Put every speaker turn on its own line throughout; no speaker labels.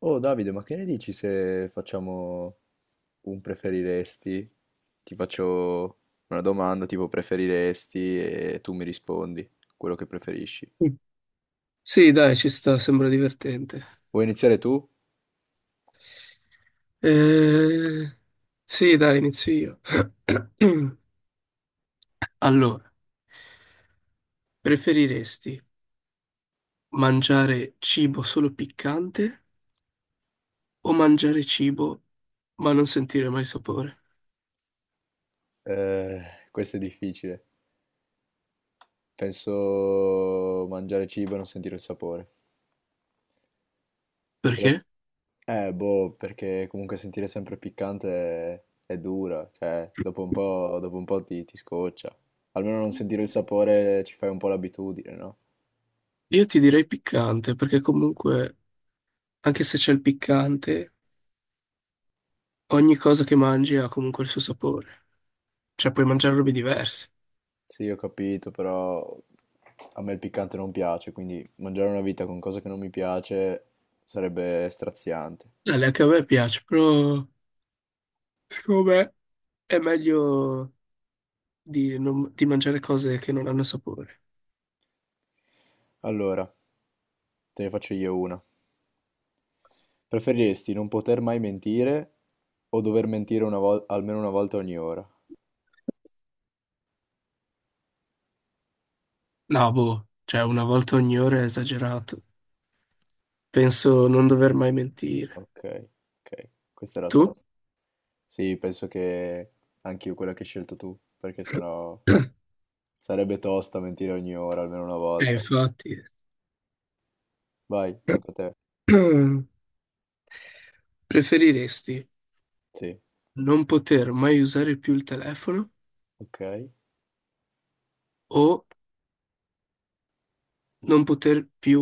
Oh Davide, ma che ne dici se facciamo un preferiresti? Ti faccio una domanda tipo preferiresti e tu mi rispondi quello che preferisci.
Mm. Sì, dai, ci sta, sembra divertente.
Vuoi iniziare tu?
Eh, Sì, dai, inizio io. Allora, preferiresti mangiare cibo solo piccante o mangiare cibo ma non sentire mai sapore?
Eh, questo è difficile. Penso mangiare cibo e non sentire il sapore. Però-
Perché?
Boh, perché comunque sentire sempre piccante è dura, cioè dopo un po' ti scoccia. Almeno non sentire il sapore ci fai un po' l'abitudine, no?
Io ti direi piccante, perché comunque, anche se c'è il piccante, ogni cosa che mangi ha comunque il suo sapore. Cioè, puoi mangiare robe diverse.
Sì, ho capito, però a me il piccante non piace, quindi mangiare una vita con cose che non mi piace sarebbe straziante.
Dai, anche a me piace, però secondo me è meglio di mangiare cose che non hanno sapore.
Allora, te ne faccio io una. Preferiresti non poter mai mentire o dover mentire almeno una volta ogni ora?
No, boh, cioè una volta ogni ora è esagerato. Penso non dover mai mentire.
Ok, ok, questa era
Tu?
tosta. Sì, penso che anche io quella che hai scelto tu, perché sennò sarebbe tosta mentire ogni ora, almeno una volta.
Infatti.
Vai, tocca a te.
Preferiresti
Sì,
non poter mai usare più il telefono
ok.
o non poter più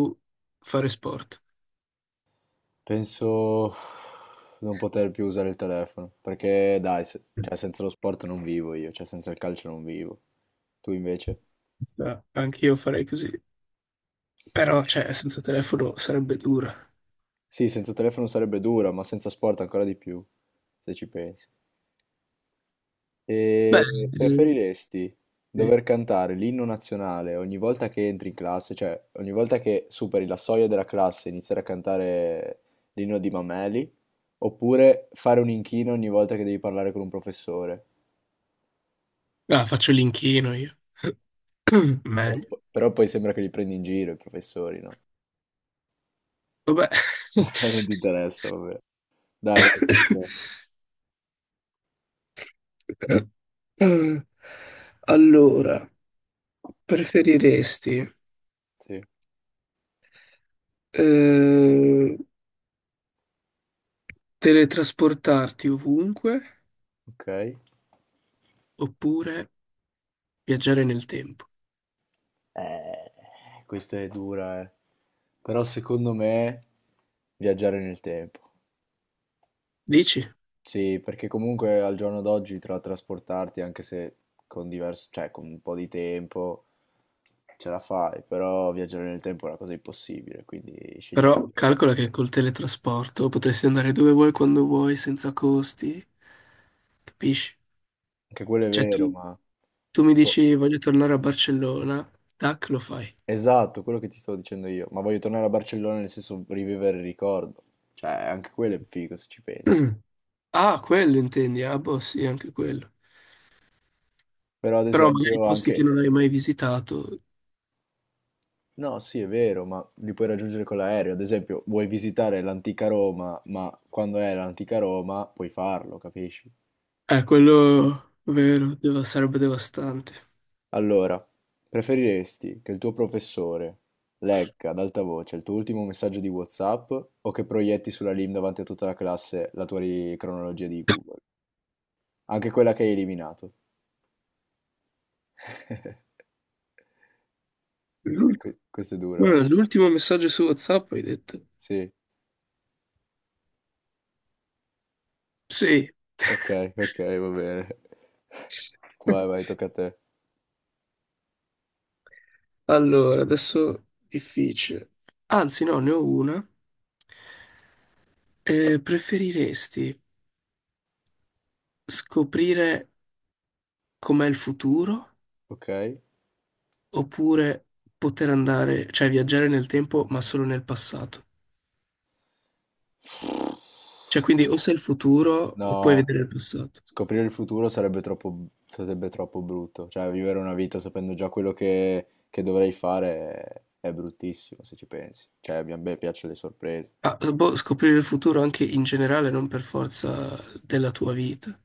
fare sport?
Penso non poter più usare il telefono, perché dai, se- cioè, senza lo sport non vivo io, cioè senza il calcio non vivo. Tu invece?
Anche io farei così. Però, cioè, senza telefono sarebbe dura.
Sì, senza telefono sarebbe dura, ma senza sport ancora di più, se ci pensi.
Beh,
E
eh,
preferiresti
sì.
dover cantare l'inno nazionale ogni volta che entri in classe, cioè ogni volta che superi la soglia della classe e iniziare a cantare l'inno di Mameli, oppure fare un inchino ogni volta che devi parlare con un professore?
Ah, faccio l'inchino io.
Però,
Meglio.
però poi sembra che li prendi in giro i professori, no?
Vabbè.
Non ti interessa, vabbè. Dai, vai. Tocca a te.
Mm. Allora, preferiresti
Sì,
eh, teletrasportarti ovunque
ok.
oppure viaggiare nel tempo?
Eh, questa è dura, eh. Però secondo me viaggiare nel tempo.
Dici?
Sì, perché comunque al giorno d'oggi tra trasportarti, anche se con diverso, cioè con un po' di tempo, ce la fai, però viaggiare nel tempo è una cosa impossibile, quindi scegliere
Però
quello.
calcola che col teletrasporto potresti andare dove vuoi, quando vuoi, senza costi, capisci?
Anche quello è
Cioè
vero,
tu,
ma...
tu mi
boh.
dici voglio tornare a Barcellona, tac, lo fai.
Esatto, quello che ti stavo dicendo io, ma voglio tornare a Barcellona nel senso rivivere il ricordo, cioè anche quello è figo se ci pensi,
Mm. Ah, quello intendi? Ah, boh, sì, anche quello.
però ad
Però magari
esempio
posti che
anche,
non hai mai visitato.
no sì è vero, ma li puoi raggiungere con l'aereo, ad esempio vuoi visitare l'antica Roma, ma quando è l'antica Roma puoi farlo, capisci?
Quello vero, sarebbe devastante.
Allora, preferiresti che il tuo professore legga ad alta voce il tuo ultimo messaggio di WhatsApp o che proietti sulla LIM davanti a tutta la classe la tua cronologia di Google, anche quella che hai eliminato? E
L'ul-
questo è duro, eh.
guarda, l'ultimo messaggio su WhatsApp hai detto?
Sì,
Sì.
okay, okay, va bene. Vai, vai, tocca a te.
Allora, adesso difficile. Anzi, no, ne ho una. Preferiresti scoprire com'è il futuro
Okay.
oppure poter andare, cioè viaggiare nel tempo, ma solo nel passato? Cioè, quindi o sei il futuro o puoi
No.
vedere il passato.
Scoprire il futuro sarebbe troppo b sarebbe troppo brutto. Cioè, vivere una vita sapendo già quello che dovrei fare è bruttissimo, se ci pensi. Cioè, a mia me piacciono le sorprese.
Ah, boh, scoprire il futuro anche in generale, non per forza della tua vita.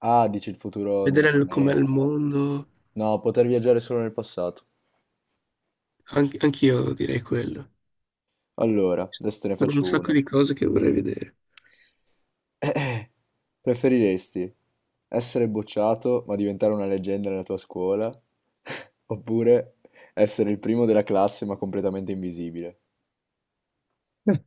Ah, dici il futuro del
Vedere com'è
pianeta.
il mondo,
No, poter viaggiare solo nel passato.
anche anch'io direi quello.
Allora, adesso te ne
Sono un
faccio
sacco
una.
di cose che vorrei vedere.
Eh, preferiresti essere bocciato ma diventare una leggenda nella tua scuola oppure essere il primo della classe ma completamente invisibile?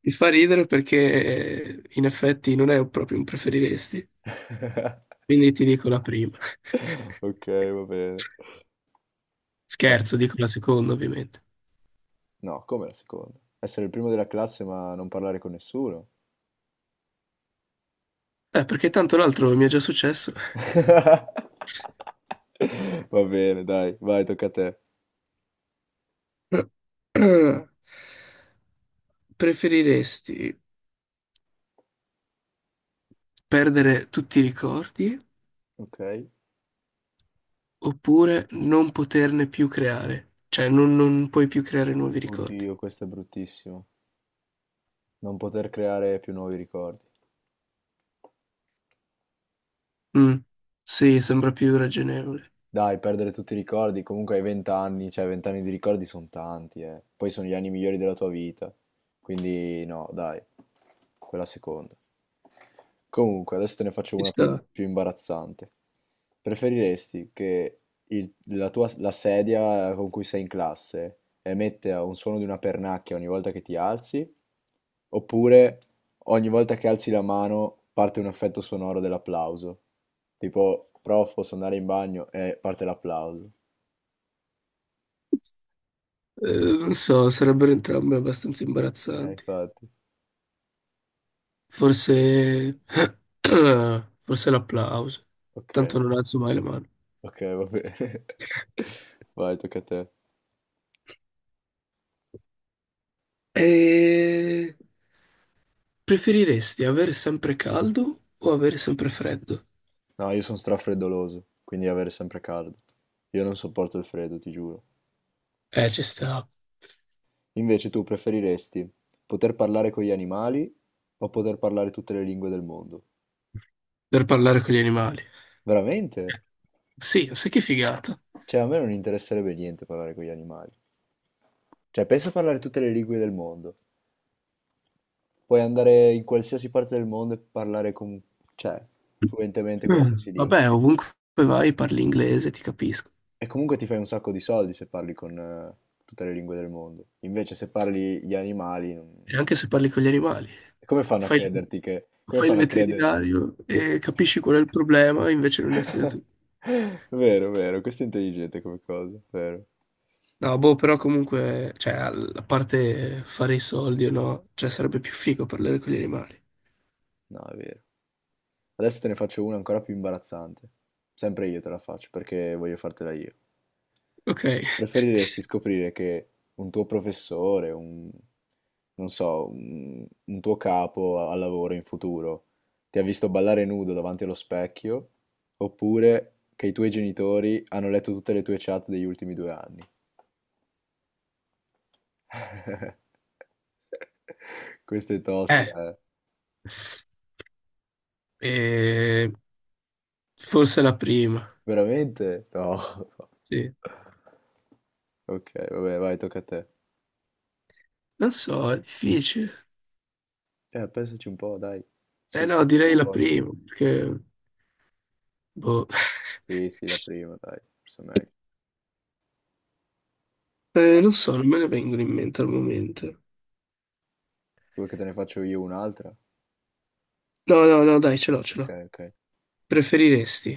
Mi fa ridere perché in effetti non è proprio un preferiresti, quindi ti dico la prima.
Ok, va bene. Va-
Scherzo, dico la seconda ovviamente.
No, come la seconda? Essere il primo della classe ma non parlare con nessuno?
Perché tanto l'altro mi è già successo.
Va bene, dai, vai, tocca a te.
Preferiresti perdere tutti i ricordi
Ok.
oppure non poterne più creare? Cioè non puoi più creare nuovi ricordi?
Oddio, questo è bruttissimo. Non poter creare più nuovi ricordi.
Mm, sì, sembra più ragionevole.
Dai, perdere tutti i ricordi, comunque hai 20 anni, cioè 20 anni di ricordi sono tanti, eh. Poi sono gli anni migliori della tua vita. Quindi no, dai, quella seconda. Comunque, adesso te ne faccio
Ci
una
sta.
più imbarazzante. Preferiresti che la sedia con cui sei in classe emette un suono di una pernacchia ogni volta che ti alzi, oppure ogni volta che alzi la mano parte un effetto sonoro dell'applauso. Tipo, prof, posso andare in bagno? E parte l'applauso.
Eh, non so, sarebbero entrambe abbastanza imbarazzanti.
Infatti.
Forse... Forse l'applauso.
Ok,
Tanto non alzo mai la mano.
ok, va bene. Vai, tocca a te.
E... preferiresti avere sempre caldo o avere sempre freddo?
No, io sono strafreddoloso, quindi avere sempre caldo. Io non sopporto il freddo, ti giuro.
Ci sta.
Invece tu preferiresti poter parlare con gli animali o poter parlare tutte le lingue del mondo?
Per parlare con gli animali.
Veramente?
Sì, sai che figata.
Cioè, a me non interesserebbe niente parlare con gli animali. Cioè, pensa a parlare tutte le lingue del mondo. Puoi andare in qualsiasi parte del mondo e parlare con, cioè, fluentemente
Mm,
qualsiasi lingua.
vabbè, ovunque vai parli inglese, ti capisco.
E comunque ti fai un sacco di soldi se parli con tutte le lingue del mondo. Invece, se parli gli animali, non-
E anche se parli con gli animali,
come fanno a
fai,
crederti che... Come
fai il
fanno a credere?
veterinario e capisci qual è il problema, invece non hai studiato.
Vero, vero, questo è intelligente come cosa, vero.
No, boh, però comunque, cioè, a parte fare i soldi o no, cioè, sarebbe più figo parlare con gli animali.
No, è vero. Adesso te ne faccio una ancora più imbarazzante. Sempre io te la faccio perché voglio fartela io.
Ok.
Preferiresti scoprire che un tuo professore, un, non so, un tuo capo al lavoro in futuro ti ha visto ballare nudo davanti allo specchio, oppure che i tuoi genitori hanno letto tutte le tue chat degli ultimi due anni? Questa è
Eh,
tosta, eh.
eh, forse la prima,
Veramente? No.
sì.
Ok, vabbè, vai, tocca a te.
Non so, è difficile.
Pensaci un po', dai. Su,
Eh no,
uno
direi la
sforzo.
prima, perché, boh,
Sì, sì, la prima, dai, forse è meglio.
Non so, non me ne vengono in mente al momento.
Vuoi che te ne faccio io un'altra?
No, no, no, dai, ce l'ho, ce
Ok,
l'ho.
ok.
Preferiresti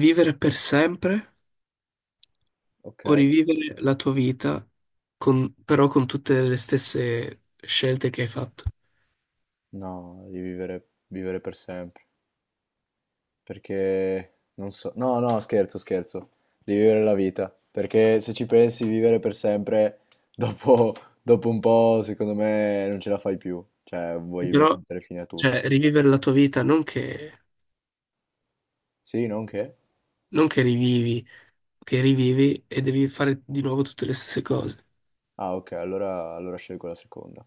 vivere per sempre
Ok.
o rivivere la tua vita, però con tutte le stesse scelte che hai fatto.
No, di vivere, vivere per sempre. Perché non so. No, no, scherzo, scherzo. Di vivere la vita. Perché se ci pensi, vivere per sempre, dopo, dopo un po', secondo me, non ce la fai più. Cioè,
E
vuoi
però,
mettere fine a tutto.
cioè, rivivere la tua vita non che,
Sì, non che?
non che rivivi, che rivivi e devi fare di nuovo tutte le stesse cose.
Ah, ok, allora scelgo la seconda.